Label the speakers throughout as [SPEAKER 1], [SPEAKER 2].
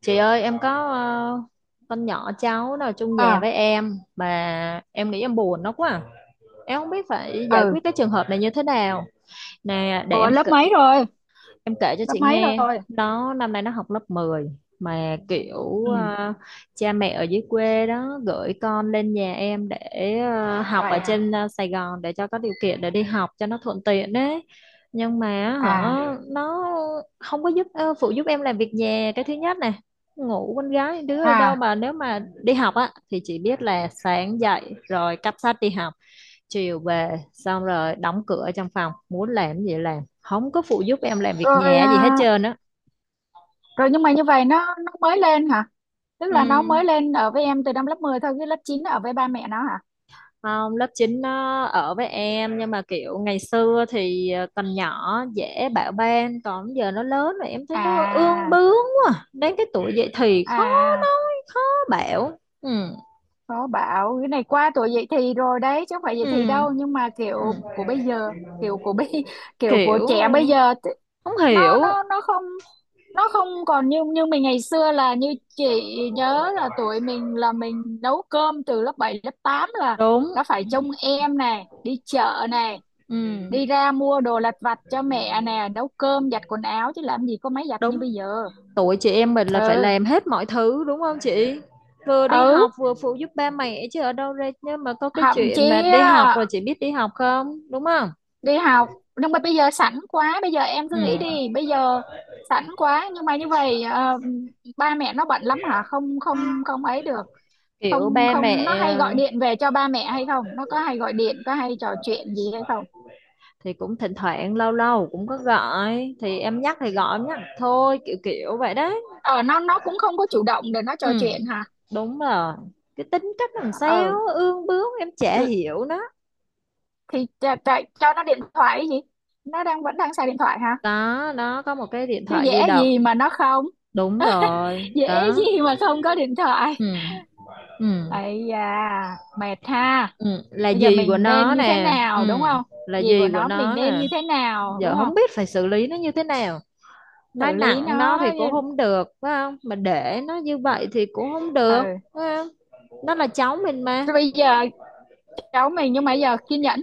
[SPEAKER 1] Chị ơi, em có con nhỏ cháu nó ở chung nhà
[SPEAKER 2] À.
[SPEAKER 1] với em mà em nghĩ em buồn nó quá à. Em không biết phải giải
[SPEAKER 2] Ừ.
[SPEAKER 1] quyết cái trường hợp này như thế nào. Nè để
[SPEAKER 2] Ủa,
[SPEAKER 1] em
[SPEAKER 2] lớp
[SPEAKER 1] kể-
[SPEAKER 2] mấy rồi?
[SPEAKER 1] Em kể cho
[SPEAKER 2] lớp
[SPEAKER 1] chị
[SPEAKER 2] mấy
[SPEAKER 1] nghe,
[SPEAKER 2] rồi
[SPEAKER 1] nó năm nay nó học lớp 10, mà
[SPEAKER 2] Ừ.
[SPEAKER 1] cha mẹ ở dưới quê đó gửi con lên nhà em để học
[SPEAKER 2] Vậy
[SPEAKER 1] ở
[SPEAKER 2] à?
[SPEAKER 1] trên Sài Gòn để cho có điều kiện để đi học cho nó thuận tiện đấy. Nhưng mà hả,
[SPEAKER 2] À.
[SPEAKER 1] nó không có phụ giúp em làm việc nhà, cái thứ nhất này. Ngủ con gái đứa ở đâu
[SPEAKER 2] À.
[SPEAKER 1] mà nếu mà đi học á, thì chỉ biết là sáng dậy rồi cắp sách đi học, chiều về xong rồi đóng cửa trong phòng muốn làm gì làm, không có phụ giúp em làm việc
[SPEAKER 2] Rồi.
[SPEAKER 1] nhà gì hết trơn á
[SPEAKER 2] Rồi, nhưng mà như vậy nó mới lên hả? Tức
[SPEAKER 1] ừ.
[SPEAKER 2] là nó mới lên ở với em từ năm lớp 10 thôi, cái lớp 9 ở với ba mẹ nó hả?
[SPEAKER 1] Không, lớp 9 nó ở với em, nhưng mà kiểu ngày xưa thì còn nhỏ dễ bạo ban, còn giờ nó lớn rồi em thấy nó ương
[SPEAKER 2] À.
[SPEAKER 1] bướng quá, đến cái tuổi dậy thì
[SPEAKER 2] À.
[SPEAKER 1] khó
[SPEAKER 2] À.
[SPEAKER 1] nói khó bảo ừ.
[SPEAKER 2] Có, bảo cái này qua tuổi dậy thì rồi đấy chứ không phải dậy
[SPEAKER 1] Ừ.
[SPEAKER 2] thì đâu, nhưng mà
[SPEAKER 1] Ừ.
[SPEAKER 2] kiểu của bây giờ, kiểu của bây kiểu của
[SPEAKER 1] Kiểu
[SPEAKER 2] trẻ bây giờ.
[SPEAKER 1] không
[SPEAKER 2] nó
[SPEAKER 1] hiểu.
[SPEAKER 2] nó nó không, nó không còn như như mình ngày xưa. Là như chị nhớ là tuổi mình là mình nấu cơm từ lớp 7 lớp 8 là
[SPEAKER 1] Đúng.
[SPEAKER 2] đã phải trông em này, đi chợ này,
[SPEAKER 1] Ừ.
[SPEAKER 2] đi ra mua đồ lặt vặt cho mẹ nè, nấu cơm, giặt quần áo, chứ làm gì có máy giặt như
[SPEAKER 1] Đúng,
[SPEAKER 2] bây giờ.
[SPEAKER 1] tuổi chị em mình là phải
[SPEAKER 2] Ừ.
[SPEAKER 1] làm hết mọi thứ đúng không chị, vừa đi
[SPEAKER 2] Ừ.
[SPEAKER 1] học vừa phụ giúp ba mẹ chứ ở đâu ra. Nhưng mà có cái
[SPEAKER 2] Thậm
[SPEAKER 1] chuyện mà
[SPEAKER 2] chí
[SPEAKER 1] đi học
[SPEAKER 2] á,
[SPEAKER 1] rồi, chị biết đi học không đúng không.
[SPEAKER 2] đi học, nhưng mà bây giờ sẵn quá, bây giờ em cứ
[SPEAKER 1] Ừ.
[SPEAKER 2] nghĩ đi, bây giờ sẵn quá. Nhưng mà như vậy, ba mẹ nó bận lắm hả? Không không không ấy được.
[SPEAKER 1] Kiểu
[SPEAKER 2] Không
[SPEAKER 1] ba
[SPEAKER 2] không, nó
[SPEAKER 1] mẹ
[SPEAKER 2] hay
[SPEAKER 1] ờ,
[SPEAKER 2] gọi điện về cho ba mẹ hay không? Nó có hay gọi điện, có hay trò chuyện gì hay không?
[SPEAKER 1] thì cũng thỉnh thoảng lâu lâu cũng có gọi, thì em nhắc thì gọi, em nhắc thôi, kiểu kiểu vậy đấy.
[SPEAKER 2] Ờ, nó cũng không có chủ động để nó
[SPEAKER 1] Ừ.
[SPEAKER 2] trò chuyện hả?
[SPEAKER 1] Đúng rồi, cái tính cách làm
[SPEAKER 2] Ờ.
[SPEAKER 1] sao ương bướng em chả
[SPEAKER 2] Ừ,
[SPEAKER 1] hiểu nó.
[SPEAKER 2] thì cho nó điện thoại cái gì, nó đang vẫn đang xài điện thoại hả?
[SPEAKER 1] Đó đó, có một cái điện
[SPEAKER 2] Chứ
[SPEAKER 1] thoại di
[SPEAKER 2] dễ
[SPEAKER 1] động.
[SPEAKER 2] gì mà nó không,
[SPEAKER 1] Đúng rồi
[SPEAKER 2] dễ
[SPEAKER 1] đó.
[SPEAKER 2] gì mà không có điện thoại.
[SPEAKER 1] Ừ. Ừ.
[SPEAKER 2] Ấy da, mệt ha.
[SPEAKER 1] Ừ, là
[SPEAKER 2] Bây giờ
[SPEAKER 1] gì của
[SPEAKER 2] mình nên
[SPEAKER 1] nó
[SPEAKER 2] như thế
[SPEAKER 1] nè. Ừ,
[SPEAKER 2] nào, đúng không?
[SPEAKER 1] là
[SPEAKER 2] Gì của
[SPEAKER 1] gì của
[SPEAKER 2] nó mình
[SPEAKER 1] nó
[SPEAKER 2] nên
[SPEAKER 1] nè.
[SPEAKER 2] như thế nào, đúng
[SPEAKER 1] Giờ
[SPEAKER 2] không?
[SPEAKER 1] không biết phải xử lý nó như thế nào, nói
[SPEAKER 2] Xử lý
[SPEAKER 1] nặng nó
[SPEAKER 2] nó
[SPEAKER 1] thì cũng
[SPEAKER 2] như-
[SPEAKER 1] không được phải không, mà để nó như vậy thì cũng không được,
[SPEAKER 2] Ờ.
[SPEAKER 1] phải không, nó là cháu mình mà.
[SPEAKER 2] Thế bây giờ cháu mình, nhưng mà bây giờ kiên nhẫn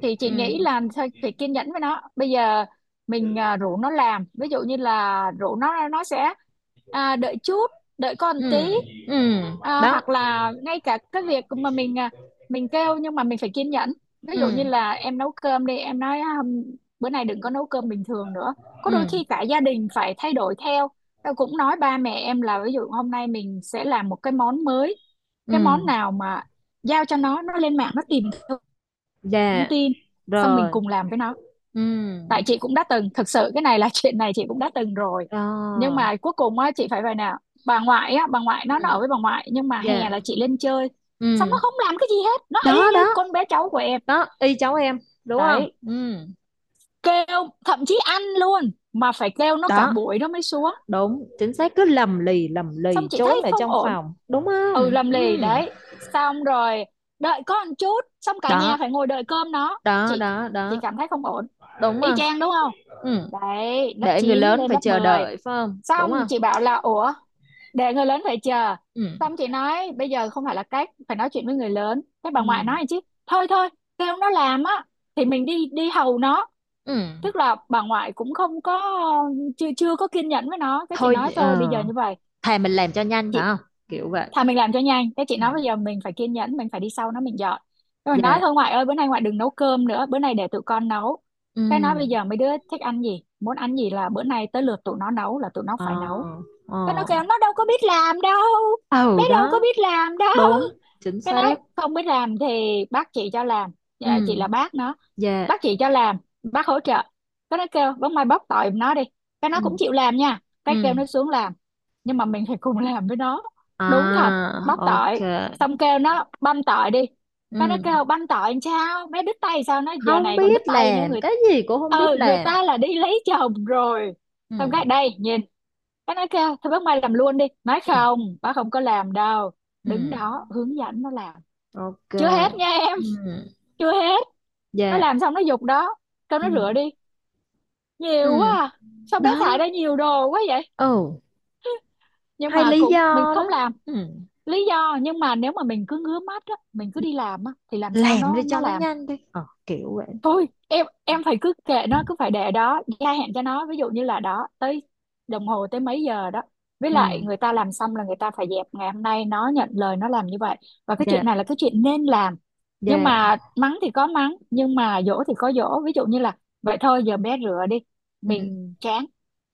[SPEAKER 2] thì chị nghĩ
[SPEAKER 1] Ừ.
[SPEAKER 2] là thôi phải kiên nhẫn với nó bây giờ. Mình rủ nó làm, ví dụ như là rủ nó sẽ đợi chút, đợi con
[SPEAKER 1] Ừ.
[SPEAKER 2] tí.
[SPEAKER 1] Ừ. Đó.
[SPEAKER 2] Hoặc là ngay cả cái việc mà mình mình kêu, nhưng mà mình phải kiên nhẫn. Ví
[SPEAKER 1] Ừ.
[SPEAKER 2] dụ như là em nấu cơm đi, em nói "À, bữa nay đừng có nấu cơm bình thường nữa". Có đôi khi
[SPEAKER 1] Ừ.
[SPEAKER 2] cả gia đình phải thay đổi theo. Tao cũng nói ba mẹ em là ví dụ hôm nay mình sẽ làm một cái món mới, cái món
[SPEAKER 1] Ừ.
[SPEAKER 2] nào mà giao cho nó lên mạng nó tìm thông
[SPEAKER 1] Dạ
[SPEAKER 2] tin, xong mình
[SPEAKER 1] rồi.
[SPEAKER 2] cùng làm với nó.
[SPEAKER 1] Ừ.
[SPEAKER 2] Tại chị cũng đã từng, thực sự cái này là chuyện này chị cũng đã từng rồi. Nhưng
[SPEAKER 1] Đó.
[SPEAKER 2] mà cuối cùng á, chị phải vậy nè. Bà ngoại á, bà ngoại nó
[SPEAKER 1] Ừ.
[SPEAKER 2] ở với bà ngoại, nhưng mà hè
[SPEAKER 1] Dạ.
[SPEAKER 2] là chị lên chơi, xong nó
[SPEAKER 1] Ừ.
[SPEAKER 2] không làm cái gì hết, nó y
[SPEAKER 1] Đó
[SPEAKER 2] như
[SPEAKER 1] đó
[SPEAKER 2] con bé cháu của em.
[SPEAKER 1] đó, y cháu em, đúng không.
[SPEAKER 2] Đấy,
[SPEAKER 1] Ừ.
[SPEAKER 2] kêu thậm chí ăn luôn mà phải kêu nó cả
[SPEAKER 1] Đó
[SPEAKER 2] buổi nó mới xuống.
[SPEAKER 1] đúng chính xác, cứ lầm
[SPEAKER 2] Xong
[SPEAKER 1] lì
[SPEAKER 2] chị thấy
[SPEAKER 1] trốn ở
[SPEAKER 2] không
[SPEAKER 1] trong
[SPEAKER 2] ổn.
[SPEAKER 1] phòng, đúng
[SPEAKER 2] Ừ,
[SPEAKER 1] không.
[SPEAKER 2] làm lì
[SPEAKER 1] Ừ.
[SPEAKER 2] đấy. Xong rồi đợi có một chút, xong cả
[SPEAKER 1] Đó
[SPEAKER 2] nhà phải ngồi đợi cơm nó.
[SPEAKER 1] đó
[SPEAKER 2] chị
[SPEAKER 1] đó
[SPEAKER 2] chị
[SPEAKER 1] đó,
[SPEAKER 2] cảm thấy không ổn,
[SPEAKER 1] đúng
[SPEAKER 2] y
[SPEAKER 1] không.
[SPEAKER 2] chang đúng không?
[SPEAKER 1] Ừ.
[SPEAKER 2] Đấy, lớp
[SPEAKER 1] Để người
[SPEAKER 2] 9
[SPEAKER 1] lớn
[SPEAKER 2] lên
[SPEAKER 1] phải
[SPEAKER 2] lớp
[SPEAKER 1] chờ
[SPEAKER 2] mười.
[SPEAKER 1] đợi phải không, đúng
[SPEAKER 2] Xong
[SPEAKER 1] không.
[SPEAKER 2] chị bảo là ủa, để người lớn phải chờ.
[SPEAKER 1] Ừ.
[SPEAKER 2] Xong chị nói bây giờ không phải là cách phải nói chuyện với người lớn, cái bà ngoại
[SPEAKER 1] Ừ.
[SPEAKER 2] nói chứ. Thôi Thôi kêu nó làm á, thì mình đi đi hầu nó.
[SPEAKER 1] Ừ.
[SPEAKER 2] Tức là bà ngoại cũng không có, chưa chưa có kiên nhẫn với nó. Cái chị nói
[SPEAKER 1] thôi
[SPEAKER 2] thôi bây
[SPEAKER 1] ờ,
[SPEAKER 2] giờ như vậy
[SPEAKER 1] thà mình làm cho nhanh phải
[SPEAKER 2] chị,
[SPEAKER 1] không, kiểu vậy.
[SPEAKER 2] thà mình làm cho nhanh. Thế chị
[SPEAKER 1] Ừ.
[SPEAKER 2] nói bây giờ mình phải kiên nhẫn, mình phải đi sau nó mình dọn. Thế mình nói
[SPEAKER 1] Dạ.
[SPEAKER 2] thôi ngoại ơi, bữa nay ngoại đừng nấu cơm nữa, bữa nay để tụi con nấu. Cái nói bây
[SPEAKER 1] Ừ.
[SPEAKER 2] giờ mấy đứa thích ăn gì, muốn ăn gì, là bữa nay tới lượt tụi nó nấu là tụi nó
[SPEAKER 1] Ờ.
[SPEAKER 2] phải nấu.
[SPEAKER 1] Ờ.
[SPEAKER 2] Cái nó kêu nó đâu có biết làm đâu, bé
[SPEAKER 1] Ừ.
[SPEAKER 2] đâu có
[SPEAKER 1] Đó,
[SPEAKER 2] biết làm đâu.
[SPEAKER 1] đúng chính
[SPEAKER 2] Cái
[SPEAKER 1] xác.
[SPEAKER 2] nói không biết làm thì bác chị cho làm. Dạ, chị
[SPEAKER 1] Ừ.
[SPEAKER 2] là bác nó.
[SPEAKER 1] Dạ.
[SPEAKER 2] Bác chỉ cho làm, bác hỗ trợ. Cái nó kêu bóng, mai bóc tỏi nó đi, cái nó cũng
[SPEAKER 1] Ừ.
[SPEAKER 2] chịu làm nha, cái kêu
[SPEAKER 1] Ừ.
[SPEAKER 2] nó xuống làm. Nhưng mà mình phải cùng làm với nó. Đúng thật,
[SPEAKER 1] À.
[SPEAKER 2] bóc
[SPEAKER 1] Ok.
[SPEAKER 2] tỏi, xong kêu nó băm tỏi đi.
[SPEAKER 1] Ừ,
[SPEAKER 2] Cái nó kêu băm tỏi làm sao, mấy đứt tay, sao nó giờ
[SPEAKER 1] không
[SPEAKER 2] này còn đứt
[SPEAKER 1] biết
[SPEAKER 2] tay nữa,
[SPEAKER 1] làm
[SPEAKER 2] người
[SPEAKER 1] cái gì cũng không biết
[SPEAKER 2] ừ, người
[SPEAKER 1] làm.
[SPEAKER 2] ta là đi lấy chồng rồi.
[SPEAKER 1] Ừ.
[SPEAKER 2] Xong cái đây nhìn, cái nó kêu thôi bác mai làm luôn đi, nói
[SPEAKER 1] Ừ.
[SPEAKER 2] không bác không có làm đâu,
[SPEAKER 1] Ừ.
[SPEAKER 2] đứng đó hướng dẫn nó làm.
[SPEAKER 1] Ok.
[SPEAKER 2] Chưa hết nha em,
[SPEAKER 1] Ừ.
[SPEAKER 2] chưa hết, nó
[SPEAKER 1] Dạ.
[SPEAKER 2] làm xong nó giục đó. Kêu nó rửa
[SPEAKER 1] Ừ.
[SPEAKER 2] đi, nhiều quá
[SPEAKER 1] Ừ.
[SPEAKER 2] à. Sao bé
[SPEAKER 1] Đó.
[SPEAKER 2] thải ra nhiều đồ quá vậy,
[SPEAKER 1] Ừ.
[SPEAKER 2] nhưng
[SPEAKER 1] Hay
[SPEAKER 2] mà
[SPEAKER 1] lý do.
[SPEAKER 2] cũng mình không
[SPEAKER 1] Đó.
[SPEAKER 2] làm.
[SPEAKER 1] Ừ.
[SPEAKER 2] Lý do, nhưng mà nếu mà mình cứ ngứa mắt á, mình cứ đi làm á, thì làm sao
[SPEAKER 1] Làm đi
[SPEAKER 2] nó
[SPEAKER 1] cho nó
[SPEAKER 2] làm.
[SPEAKER 1] nhanh đi, kiểu vậy.
[SPEAKER 2] Thôi em phải cứ kệ nó, cứ phải để đó, gia hạn cho nó, ví dụ như là đó tới đồng hồ tới mấy giờ đó, với
[SPEAKER 1] Ừ.
[SPEAKER 2] lại người ta làm xong là người ta phải dẹp. Ngày hôm nay nó nhận lời nó làm như vậy, và cái
[SPEAKER 1] Dạ.
[SPEAKER 2] chuyện này là cái chuyện nên làm. Nhưng
[SPEAKER 1] Dạ.
[SPEAKER 2] mà mắng thì có mắng, nhưng mà dỗ thì có dỗ. Ví dụ như là vậy thôi giờ bé rửa đi,
[SPEAKER 1] Ừ.
[SPEAKER 2] mình chán,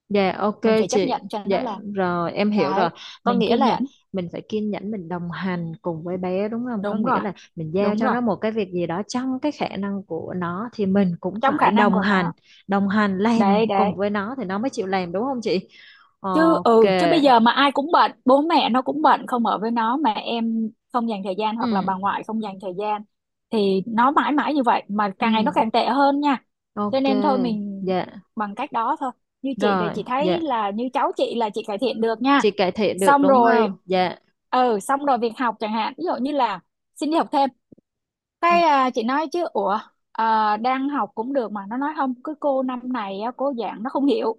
[SPEAKER 1] Dạ ok.
[SPEAKER 2] mình phải chấp
[SPEAKER 1] Chị,
[SPEAKER 2] nhận cho nó
[SPEAKER 1] dạ
[SPEAKER 2] làm.
[SPEAKER 1] rồi em hiểu rồi,
[SPEAKER 2] Đấy,
[SPEAKER 1] có
[SPEAKER 2] mình
[SPEAKER 1] nghĩa
[SPEAKER 2] kiên
[SPEAKER 1] là
[SPEAKER 2] nhẫn.
[SPEAKER 1] mình phải kiên nhẫn, mình đồng hành cùng với bé đúng không, có
[SPEAKER 2] Đúng
[SPEAKER 1] nghĩa
[SPEAKER 2] rồi,
[SPEAKER 1] là mình giao
[SPEAKER 2] đúng
[SPEAKER 1] cho
[SPEAKER 2] rồi,
[SPEAKER 1] nó một cái việc gì đó trong cái khả năng của nó, thì mình cũng
[SPEAKER 2] trong
[SPEAKER 1] phải
[SPEAKER 2] khả năng
[SPEAKER 1] đồng
[SPEAKER 2] của
[SPEAKER 1] hành,
[SPEAKER 2] nó.
[SPEAKER 1] đồng hành làm
[SPEAKER 2] Đấy đấy.
[SPEAKER 1] cùng với nó thì nó mới chịu làm, đúng không chị.
[SPEAKER 2] Chứ
[SPEAKER 1] Ok.
[SPEAKER 2] ừ, chứ bây giờ mà ai cũng bệnh, bố mẹ nó cũng bệnh không ở với nó, mà em không dành thời gian,
[SPEAKER 1] Ừ.
[SPEAKER 2] hoặc là bà ngoại không dành thời gian, thì nó mãi mãi như vậy, mà càng ngày nó
[SPEAKER 1] Ừ.
[SPEAKER 2] càng tệ hơn nha. Cho
[SPEAKER 1] Ok.
[SPEAKER 2] nên thôi mình
[SPEAKER 1] Dạ
[SPEAKER 2] bằng cách đó thôi. Như chị thì
[SPEAKER 1] rồi.
[SPEAKER 2] chị
[SPEAKER 1] Dạ,
[SPEAKER 2] thấy là như cháu chị là chị cải thiện được
[SPEAKER 1] chị
[SPEAKER 2] nha.
[SPEAKER 1] cải thiện được
[SPEAKER 2] Xong
[SPEAKER 1] đúng
[SPEAKER 2] rồi.
[SPEAKER 1] không. Dạ.
[SPEAKER 2] Ừ xong rồi, việc học chẳng hạn, ví dụ như là xin đi học thêm.
[SPEAKER 1] Ừ.
[SPEAKER 2] Cái chị nói chứ ủa, đang học cũng được mà nó nói không, cứ cô năm này á, cô giảng nó không hiểu,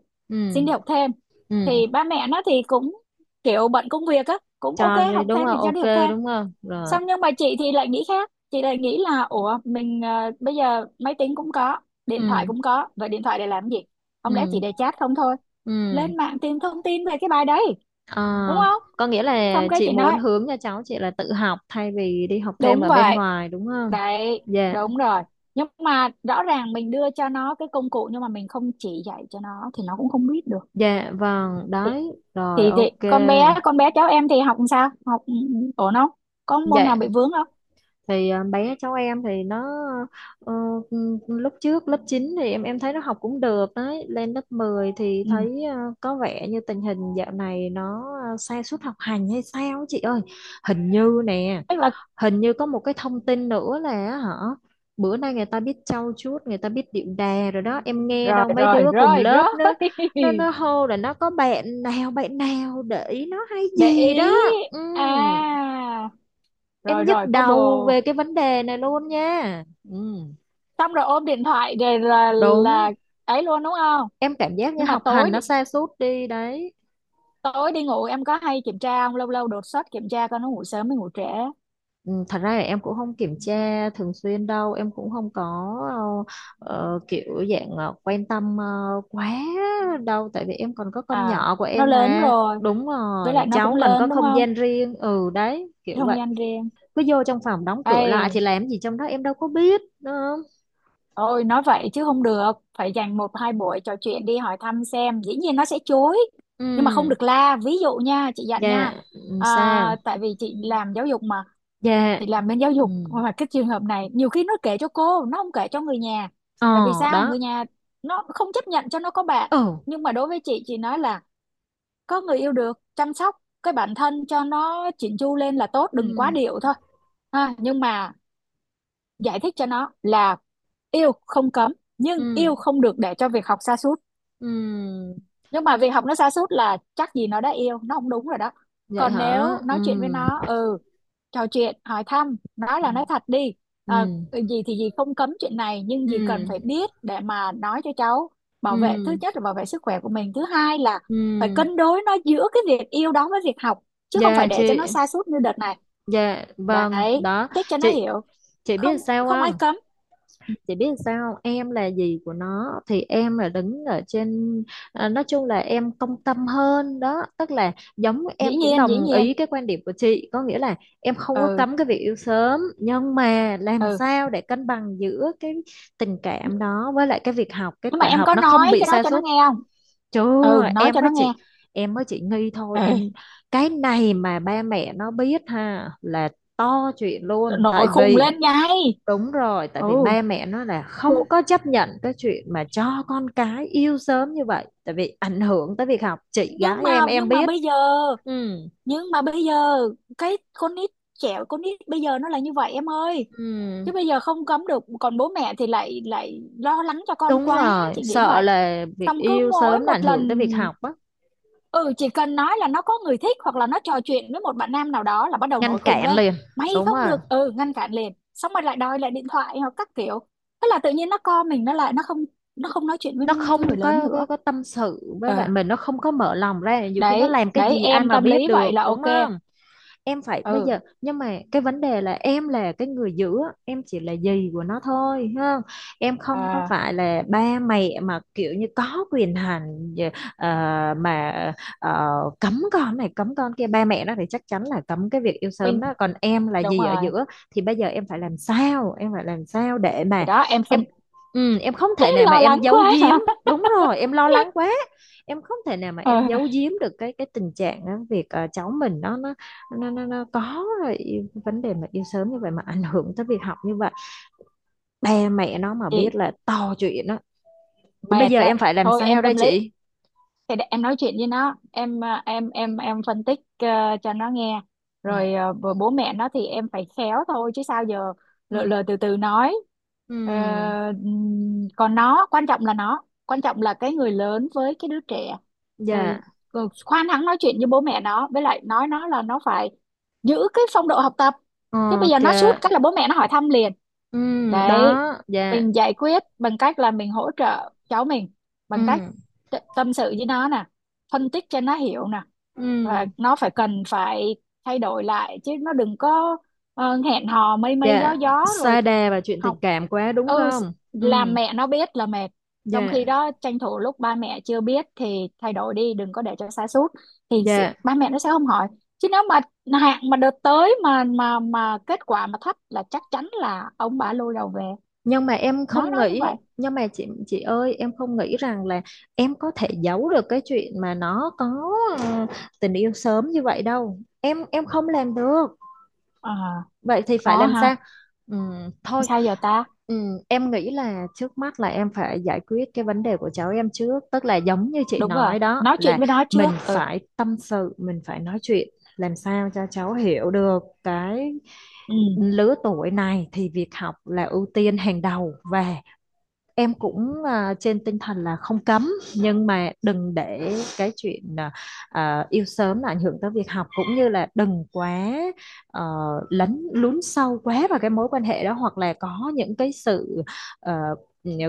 [SPEAKER 2] xin
[SPEAKER 1] Ừ.
[SPEAKER 2] đi học thêm.
[SPEAKER 1] Ừ.
[SPEAKER 2] Thì ba mẹ nó thì cũng kiểu bận công việc á, cũng ok
[SPEAKER 1] Cho đi
[SPEAKER 2] học
[SPEAKER 1] đúng
[SPEAKER 2] thêm
[SPEAKER 1] không,
[SPEAKER 2] thì cho
[SPEAKER 1] ok
[SPEAKER 2] đi học thêm.
[SPEAKER 1] đúng không, rồi.
[SPEAKER 2] Xong nhưng mà chị thì lại nghĩ khác, chị lại nghĩ là ủa mình bây giờ máy tính cũng có, điện thoại
[SPEAKER 1] Ừ.
[SPEAKER 2] cũng có, vậy điện thoại để làm gì? Không lẽ chỉ
[SPEAKER 1] Ừ.
[SPEAKER 2] để chat không thôi?
[SPEAKER 1] Ừ.
[SPEAKER 2] Lên mạng tìm thông tin về cái bài đấy
[SPEAKER 1] à,
[SPEAKER 2] đúng không?
[SPEAKER 1] có nghĩa là
[SPEAKER 2] Xong cái
[SPEAKER 1] chị
[SPEAKER 2] chị nói
[SPEAKER 1] muốn hướng cho cháu chị là tự học thay vì đi học thêm
[SPEAKER 2] đúng
[SPEAKER 1] ở bên
[SPEAKER 2] vậy.
[SPEAKER 1] ngoài đúng không.
[SPEAKER 2] Đấy,
[SPEAKER 1] Dạ.
[SPEAKER 2] đúng rồi. Nhưng mà rõ ràng mình đưa cho nó cái công cụ, nhưng mà mình không chỉ dạy cho nó thì nó cũng không biết được.
[SPEAKER 1] Dạ vâng,
[SPEAKER 2] Thì,
[SPEAKER 1] đấy rồi
[SPEAKER 2] thì
[SPEAKER 1] ok.
[SPEAKER 2] con bé cháu em thì học làm sao? Học ổn không? Có môn nào
[SPEAKER 1] Dạ,
[SPEAKER 2] bị vướng không?
[SPEAKER 1] thì bé cháu em thì nó ờ, ừ, lúc trước lớp 9 thì em thấy nó học cũng được đấy, lên lớp 10 thì
[SPEAKER 2] Ừ.
[SPEAKER 1] thấy có vẻ như tình hình dạo này nó sa sút học hành hay sao á chị ơi. Hình như nè,
[SPEAKER 2] Tức là
[SPEAKER 1] hình như có một cái thông tin nữa là á hả, bữa nay người ta biết trau chuốt, người ta biết điệu đà rồi đó, em nghe
[SPEAKER 2] rồi
[SPEAKER 1] đâu mấy
[SPEAKER 2] rồi
[SPEAKER 1] đứa cùng
[SPEAKER 2] rồi rồi.
[SPEAKER 1] lớp nó, nó hô là nó có bạn nào để ý nó hay
[SPEAKER 2] Để
[SPEAKER 1] gì đó.
[SPEAKER 2] ý.
[SPEAKER 1] Ừ,
[SPEAKER 2] À,
[SPEAKER 1] em
[SPEAKER 2] rồi
[SPEAKER 1] nhức
[SPEAKER 2] rồi, có
[SPEAKER 1] đầu
[SPEAKER 2] bồ.
[SPEAKER 1] về cái vấn đề này luôn nha. ừ,
[SPEAKER 2] Xong rồi ôm điện thoại rồi là
[SPEAKER 1] đúng,
[SPEAKER 2] ấy luôn đúng không?
[SPEAKER 1] em cảm giác như
[SPEAKER 2] Nhưng mà
[SPEAKER 1] học
[SPEAKER 2] tối
[SPEAKER 1] hành
[SPEAKER 2] đi
[SPEAKER 1] nó sa sút đi đấy.
[SPEAKER 2] tối đi ngủ em có hay kiểm tra không? Lâu lâu đột xuất kiểm tra coi nó ngủ sớm hay ngủ trễ.
[SPEAKER 1] Ừ, thật ra là em cũng không kiểm tra thường xuyên đâu, em cũng không có ờ, kiểu dạng quan tâm quá đâu, tại vì em còn có con
[SPEAKER 2] À,
[SPEAKER 1] nhỏ của
[SPEAKER 2] nó
[SPEAKER 1] em
[SPEAKER 2] lớn
[SPEAKER 1] mà.
[SPEAKER 2] rồi,
[SPEAKER 1] Đúng
[SPEAKER 2] với
[SPEAKER 1] rồi,
[SPEAKER 2] lại nó
[SPEAKER 1] cháu
[SPEAKER 2] cũng
[SPEAKER 1] cần có
[SPEAKER 2] lớn đúng
[SPEAKER 1] không
[SPEAKER 2] không,
[SPEAKER 1] gian riêng, ừ đấy kiểu
[SPEAKER 2] không
[SPEAKER 1] vậy.
[SPEAKER 2] gian riêng.
[SPEAKER 1] Cứ vô trong phòng đóng cửa lại thì
[SPEAKER 2] Ây,
[SPEAKER 1] làm gì trong đó em đâu có biết, đúng không.
[SPEAKER 2] ôi nói vậy chứ không được, phải dành một hai buổi trò chuyện đi, hỏi thăm xem, dĩ nhiên nó sẽ chối,
[SPEAKER 1] Ừ.
[SPEAKER 2] nhưng mà không được la. Ví dụ nha chị dặn nha,
[SPEAKER 1] Dạ. Ừ, sao.
[SPEAKER 2] à, tại vì chị làm giáo dục mà,
[SPEAKER 1] Dạ.
[SPEAKER 2] chị làm bên giáo
[SPEAKER 1] Ừ.
[SPEAKER 2] dục mà. Cái trường hợp này nhiều khi nó kể cho cô, nó không kể cho người nhà.
[SPEAKER 1] Ờ.
[SPEAKER 2] Tại vì sao,
[SPEAKER 1] Đó.
[SPEAKER 2] người nhà nó không chấp nhận cho nó có bạn.
[SPEAKER 1] Ừ.
[SPEAKER 2] Nhưng mà đối với chị nói là có người yêu được, chăm sóc cái bản thân cho nó chỉn chu lên là tốt, đừng quá
[SPEAKER 1] Ừ.
[SPEAKER 2] điệu thôi ha. Nhưng mà giải thích cho nó là yêu không cấm, nhưng
[SPEAKER 1] Ừ.
[SPEAKER 2] yêu không được để cho việc học sa sút.
[SPEAKER 1] Ừ.
[SPEAKER 2] Nhưng mà việc học nó sa sút là chắc gì nó đã yêu, nó không đúng rồi đó.
[SPEAKER 1] Vậy
[SPEAKER 2] Còn
[SPEAKER 1] hả?
[SPEAKER 2] nếu
[SPEAKER 1] Ừ.
[SPEAKER 2] nói chuyện với nó, ừ, trò chuyện hỏi thăm, nói
[SPEAKER 1] Ừ.
[SPEAKER 2] là nói thật đi. Ờ,
[SPEAKER 1] Ừ.
[SPEAKER 2] Gì thì gì không cấm chuyện này, nhưng gì
[SPEAKER 1] Ừ.
[SPEAKER 2] cần phải biết để mà nói cho cháu, bảo vệ, thứ
[SPEAKER 1] Ừ.
[SPEAKER 2] nhất là bảo vệ sức khỏe của mình, thứ hai là
[SPEAKER 1] Ừ.
[SPEAKER 2] phải cân đối nó giữa cái việc yêu đó với việc học, chứ không
[SPEAKER 1] Dạ
[SPEAKER 2] phải để cho nó
[SPEAKER 1] chị.
[SPEAKER 2] sa sút như đợt này.
[SPEAKER 1] Dạ vâng,
[SPEAKER 2] Đấy,
[SPEAKER 1] đó.
[SPEAKER 2] thích cho nó
[SPEAKER 1] Chị
[SPEAKER 2] hiểu.
[SPEAKER 1] chị,
[SPEAKER 2] Không,
[SPEAKER 1] biết sao
[SPEAKER 2] không ai
[SPEAKER 1] không?
[SPEAKER 2] cấm.
[SPEAKER 1] Chị biết sao không? Em là gì của nó thì em là đứng ở trên, nói chung là em công tâm hơn đó, tức là giống
[SPEAKER 2] Dĩ
[SPEAKER 1] em cũng
[SPEAKER 2] nhiên dĩ
[SPEAKER 1] đồng
[SPEAKER 2] nhiên.
[SPEAKER 1] ý cái quan điểm của chị, có nghĩa là em không có
[SPEAKER 2] Ừ.
[SPEAKER 1] cấm cái việc yêu sớm, nhưng mà làm
[SPEAKER 2] Ừ,
[SPEAKER 1] sao để cân bằng giữa cái tình cảm đó với lại cái việc học, kết
[SPEAKER 2] nhưng mà
[SPEAKER 1] quả
[SPEAKER 2] em
[SPEAKER 1] học
[SPEAKER 2] có
[SPEAKER 1] nó không
[SPEAKER 2] nói
[SPEAKER 1] bị
[SPEAKER 2] cái đó
[SPEAKER 1] sa
[SPEAKER 2] cho nó
[SPEAKER 1] sút.
[SPEAKER 2] nghe không?
[SPEAKER 1] Chưa,
[SPEAKER 2] Ừ, nói cho nó nghe.
[SPEAKER 1] em mới chị nghi thôi
[SPEAKER 2] Ê,
[SPEAKER 1] em. Cái này mà ba mẹ nó biết ha, là to chuyện luôn, tại
[SPEAKER 2] nội khùng
[SPEAKER 1] vì.
[SPEAKER 2] lên ngay.
[SPEAKER 1] Đúng rồi, tại
[SPEAKER 2] Ừ,
[SPEAKER 1] vì ba mẹ nó là không
[SPEAKER 2] khùng.
[SPEAKER 1] có chấp nhận cái chuyện mà cho con cái yêu sớm như vậy, tại vì ảnh hưởng tới việc học, chị
[SPEAKER 2] Nhưng
[SPEAKER 1] gái
[SPEAKER 2] mà,
[SPEAKER 1] em biết. Ừ.
[SPEAKER 2] nhưng mà bây giờ cái con nít, con nít bây giờ nó là như vậy em ơi.
[SPEAKER 1] Ừ,
[SPEAKER 2] Chứ bây giờ không cấm được, còn bố mẹ thì lại lại lo lắng cho con
[SPEAKER 1] đúng
[SPEAKER 2] quá,
[SPEAKER 1] rồi,
[SPEAKER 2] chị nghĩ
[SPEAKER 1] sợ
[SPEAKER 2] vậy.
[SPEAKER 1] là việc
[SPEAKER 2] Xong cứ
[SPEAKER 1] yêu
[SPEAKER 2] mỗi
[SPEAKER 1] sớm là
[SPEAKER 2] một
[SPEAKER 1] ảnh hưởng tới
[SPEAKER 2] lần,
[SPEAKER 1] việc học á.
[SPEAKER 2] ừ, chỉ cần nói là nó có người thích hoặc là nó trò chuyện với một bạn nam nào đó là bắt đầu
[SPEAKER 1] Ngăn
[SPEAKER 2] nổi khùng
[SPEAKER 1] cản
[SPEAKER 2] lên,
[SPEAKER 1] liền.
[SPEAKER 2] mày
[SPEAKER 1] Đúng
[SPEAKER 2] không
[SPEAKER 1] rồi,
[SPEAKER 2] được. Ừ, ngăn cản liền, xong rồi lại đòi lại điện thoại hoặc các kiểu. Thế là tự nhiên nó co mình nó lại, nó không, nó không nói chuyện với
[SPEAKER 1] nó
[SPEAKER 2] cái
[SPEAKER 1] không
[SPEAKER 2] người lớn
[SPEAKER 1] có,
[SPEAKER 2] nữa.
[SPEAKER 1] có tâm sự với
[SPEAKER 2] Ờ,
[SPEAKER 1] lại mình, nó không có mở lòng ra, nhiều khi nó
[SPEAKER 2] đấy
[SPEAKER 1] làm cái
[SPEAKER 2] đấy
[SPEAKER 1] gì ai
[SPEAKER 2] em
[SPEAKER 1] mà
[SPEAKER 2] tâm
[SPEAKER 1] biết
[SPEAKER 2] lý vậy
[SPEAKER 1] được,
[SPEAKER 2] là
[SPEAKER 1] đúng
[SPEAKER 2] ok.
[SPEAKER 1] không? Em phải bây
[SPEAKER 2] Ừ.
[SPEAKER 1] giờ, nhưng mà cái vấn đề là em là cái người giữ, em chỉ là dì của nó thôi ha, em không có
[SPEAKER 2] À.
[SPEAKER 1] phải là ba mẹ mà kiểu như có quyền hành, mà ờ, cấm con này cấm con kia, ba mẹ nó thì chắc chắn là cấm cái việc yêu
[SPEAKER 2] Mình,
[SPEAKER 1] sớm đó, còn em là
[SPEAKER 2] đúng
[SPEAKER 1] dì ở
[SPEAKER 2] rồi.
[SPEAKER 1] giữa, thì bây giờ em phải làm sao, em phải làm sao để
[SPEAKER 2] Thì
[SPEAKER 1] mà
[SPEAKER 2] đó em
[SPEAKER 1] em,
[SPEAKER 2] phân.
[SPEAKER 1] em không thể nào mà
[SPEAKER 2] Lo lắng
[SPEAKER 1] em giấu
[SPEAKER 2] quá
[SPEAKER 1] giếm.
[SPEAKER 2] hả?
[SPEAKER 1] Đúng rồi em lo lắng quá, em không thể nào mà
[SPEAKER 2] Ờ.
[SPEAKER 1] em giấu giếm được cái tình trạng á, việc cháu mình nó có rồi, vấn đề mà yêu sớm như vậy mà ảnh hưởng tới việc học như vậy, ba mẹ nó mà
[SPEAKER 2] Chị
[SPEAKER 1] biết là to chuyện đó, thì bây
[SPEAKER 2] mệt
[SPEAKER 1] giờ
[SPEAKER 2] á.
[SPEAKER 1] em phải làm
[SPEAKER 2] Thôi
[SPEAKER 1] sao
[SPEAKER 2] em
[SPEAKER 1] đây
[SPEAKER 2] tâm lý,
[SPEAKER 1] chị.
[SPEAKER 2] thì để em nói chuyện với nó, em em phân tích cho nó nghe.
[SPEAKER 1] Ừ.
[SPEAKER 2] Rồi bố bố mẹ nó thì em phải khéo thôi chứ sao giờ. Lờ
[SPEAKER 1] Ừ.
[SPEAKER 2] Lờ từ từ nói. Ờ,
[SPEAKER 1] Ừ.
[SPEAKER 2] Còn nó quan trọng là, nó quan trọng là cái người lớn với cái đứa trẻ. Ờ,
[SPEAKER 1] Dạ
[SPEAKER 2] Khoan hắng nói chuyện với bố mẹ nó, với lại nói nó là nó phải giữ cái phong độ học tập. Chứ bây giờ
[SPEAKER 1] ok.
[SPEAKER 2] nó sút cái là bố mẹ nó hỏi thăm liền.
[SPEAKER 1] Ừ.
[SPEAKER 2] Đấy,
[SPEAKER 1] Đó. Dạ.
[SPEAKER 2] mình giải quyết bằng cách là mình hỗ trợ cháu mình, bằng cách
[SPEAKER 1] Ừ.
[SPEAKER 2] tâm sự với nó nè, phân tích cho nó hiểu nè, và
[SPEAKER 1] Ừ.
[SPEAKER 2] nó phải phải thay đổi lại, chứ nó đừng có hẹn hò mây mây gió
[SPEAKER 1] Dạ,
[SPEAKER 2] gió rồi
[SPEAKER 1] sa đà và chuyện tình
[SPEAKER 2] học.
[SPEAKER 1] cảm quá đúng
[SPEAKER 2] ừ s-
[SPEAKER 1] không.
[SPEAKER 2] làm
[SPEAKER 1] Ừ.
[SPEAKER 2] mẹ nó biết là mệt. Trong khi
[SPEAKER 1] Dạ.
[SPEAKER 2] đó tranh thủ lúc ba mẹ chưa biết thì thay đổi đi, đừng có để cho sa sút, thì
[SPEAKER 1] Dạ,
[SPEAKER 2] ba mẹ nó sẽ không hỏi. Chứ nếu mà hạn mà đợt tới mà kết quả mà thấp là chắc chắn là ông bà lôi đầu về.
[SPEAKER 1] nhưng mà em
[SPEAKER 2] Nói
[SPEAKER 1] không
[SPEAKER 2] nó như
[SPEAKER 1] nghĩ,
[SPEAKER 2] vậy.
[SPEAKER 1] nhưng mà chị ơi em không nghĩ rằng là em có thể giấu được cái chuyện mà nó có ờ, tình yêu sớm như vậy đâu, em không làm được,
[SPEAKER 2] Ờ,
[SPEAKER 1] vậy thì phải
[SPEAKER 2] khó
[SPEAKER 1] làm
[SPEAKER 2] ha,
[SPEAKER 1] sao. Thôi,
[SPEAKER 2] sao giờ ta.
[SPEAKER 1] em nghĩ là trước mắt là em phải giải quyết cái vấn đề của cháu em trước, tức là giống như chị
[SPEAKER 2] Đúng rồi,
[SPEAKER 1] nói đó,
[SPEAKER 2] nói chuyện
[SPEAKER 1] là
[SPEAKER 2] với nó
[SPEAKER 1] mình
[SPEAKER 2] trước. Ừ.
[SPEAKER 1] phải tâm sự, mình phải nói chuyện, làm sao cho cháu hiểu được, cái
[SPEAKER 2] Ừ.
[SPEAKER 1] lứa tuổi này thì việc học là ưu tiên hàng đầu, và em cũng trên tinh thần là không cấm, nhưng mà đừng để cái chuyện yêu sớm là ảnh hưởng tới việc học, cũng như là đừng quá ờ, lấn lún sâu quá vào cái mối quan hệ đó, hoặc là có những cái sự ờ,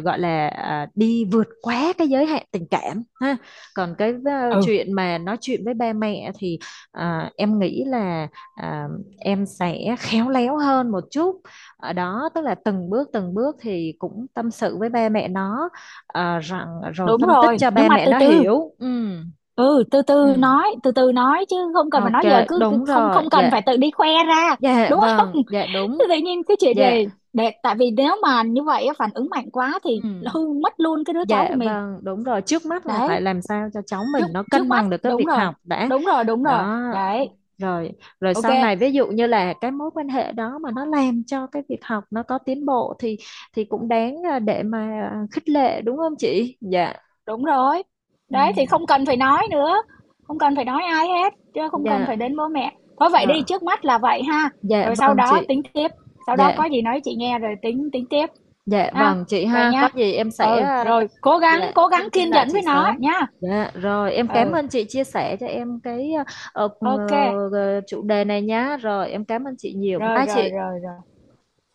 [SPEAKER 1] gọi là đi vượt quá cái giới hạn tình cảm ha. Còn cái
[SPEAKER 2] Ừ.
[SPEAKER 1] chuyện mà nói chuyện với ba mẹ thì em nghĩ là à, em sẽ khéo léo hơn một chút ở đó, tức là từng bước thì cũng tâm sự với ba mẹ nó, rằng, rồi
[SPEAKER 2] Đúng
[SPEAKER 1] phân tích
[SPEAKER 2] rồi
[SPEAKER 1] cho
[SPEAKER 2] nhưng
[SPEAKER 1] ba
[SPEAKER 2] mà
[SPEAKER 1] mẹ
[SPEAKER 2] từ
[SPEAKER 1] nó
[SPEAKER 2] từ,
[SPEAKER 1] hiểu. Ừ.
[SPEAKER 2] ừ từ
[SPEAKER 1] Ừ.
[SPEAKER 2] từ nói, từ từ nói, chứ không cần phải
[SPEAKER 1] Ok,
[SPEAKER 2] nói giờ, cứ cứ
[SPEAKER 1] đúng
[SPEAKER 2] không
[SPEAKER 1] rồi.
[SPEAKER 2] không cần
[SPEAKER 1] Dạ.
[SPEAKER 2] phải tự đi khoe ra
[SPEAKER 1] Dạ
[SPEAKER 2] đúng không?
[SPEAKER 1] vâng, dạ đúng.
[SPEAKER 2] Tự nhiên cái chuyện
[SPEAKER 1] Dạ.
[SPEAKER 2] này để, tại vì nếu mà như vậy á, phản ứng mạnh quá thì
[SPEAKER 1] Ừ.
[SPEAKER 2] hư mất luôn cái đứa cháu của
[SPEAKER 1] Dạ
[SPEAKER 2] mình.
[SPEAKER 1] vâng, đúng rồi, trước mắt là phải
[SPEAKER 2] Đấy,
[SPEAKER 1] làm sao cho cháu mình
[SPEAKER 2] trước,
[SPEAKER 1] nó
[SPEAKER 2] trước
[SPEAKER 1] cân
[SPEAKER 2] mắt
[SPEAKER 1] bằng được cái
[SPEAKER 2] đúng
[SPEAKER 1] việc
[SPEAKER 2] rồi,
[SPEAKER 1] học đã.
[SPEAKER 2] đúng rồi đúng rồi.
[SPEAKER 1] Đó,
[SPEAKER 2] Đấy,
[SPEAKER 1] rồi, rồi sau này,
[SPEAKER 2] ok.
[SPEAKER 1] ví dụ như là cái mối quan hệ đó mà nó làm cho cái việc học nó có tiến bộ, thì cũng đáng để mà khích lệ, đúng không chị. Dạ.
[SPEAKER 2] Đúng rồi.
[SPEAKER 1] Ừ.
[SPEAKER 2] Đấy thì không cần phải nói nữa, không cần phải nói ai hết, chứ không cần
[SPEAKER 1] Dạ.
[SPEAKER 2] phải đến bố mẹ. Thôi vậy đi,
[SPEAKER 1] Dạ.
[SPEAKER 2] trước mắt là vậy ha.
[SPEAKER 1] Dạ
[SPEAKER 2] Rồi sau
[SPEAKER 1] vâng
[SPEAKER 2] đó
[SPEAKER 1] chị.
[SPEAKER 2] tính tiếp, sau đó
[SPEAKER 1] Dạ.
[SPEAKER 2] có gì nói chị nghe rồi tính tính tiếp
[SPEAKER 1] Dạ
[SPEAKER 2] ha.
[SPEAKER 1] vâng chị
[SPEAKER 2] Vậy
[SPEAKER 1] ha, có
[SPEAKER 2] nha.
[SPEAKER 1] gì em sẽ
[SPEAKER 2] Ừ, rồi
[SPEAKER 1] dạ
[SPEAKER 2] cố gắng
[SPEAKER 1] thông tin
[SPEAKER 2] kiên
[SPEAKER 1] lại
[SPEAKER 2] nhẫn
[SPEAKER 1] chị
[SPEAKER 2] với nó
[SPEAKER 1] sớm.
[SPEAKER 2] nha.
[SPEAKER 1] Dạ rồi, em cảm
[SPEAKER 2] Ừ,
[SPEAKER 1] ơn chị chia sẻ cho em cái ờ,
[SPEAKER 2] ok.
[SPEAKER 1] ờ, chủ đề này nhá, rồi em cảm ơn chị nhiều,
[SPEAKER 2] Rồi
[SPEAKER 1] bye
[SPEAKER 2] rồi
[SPEAKER 1] chị.
[SPEAKER 2] rồi rồi.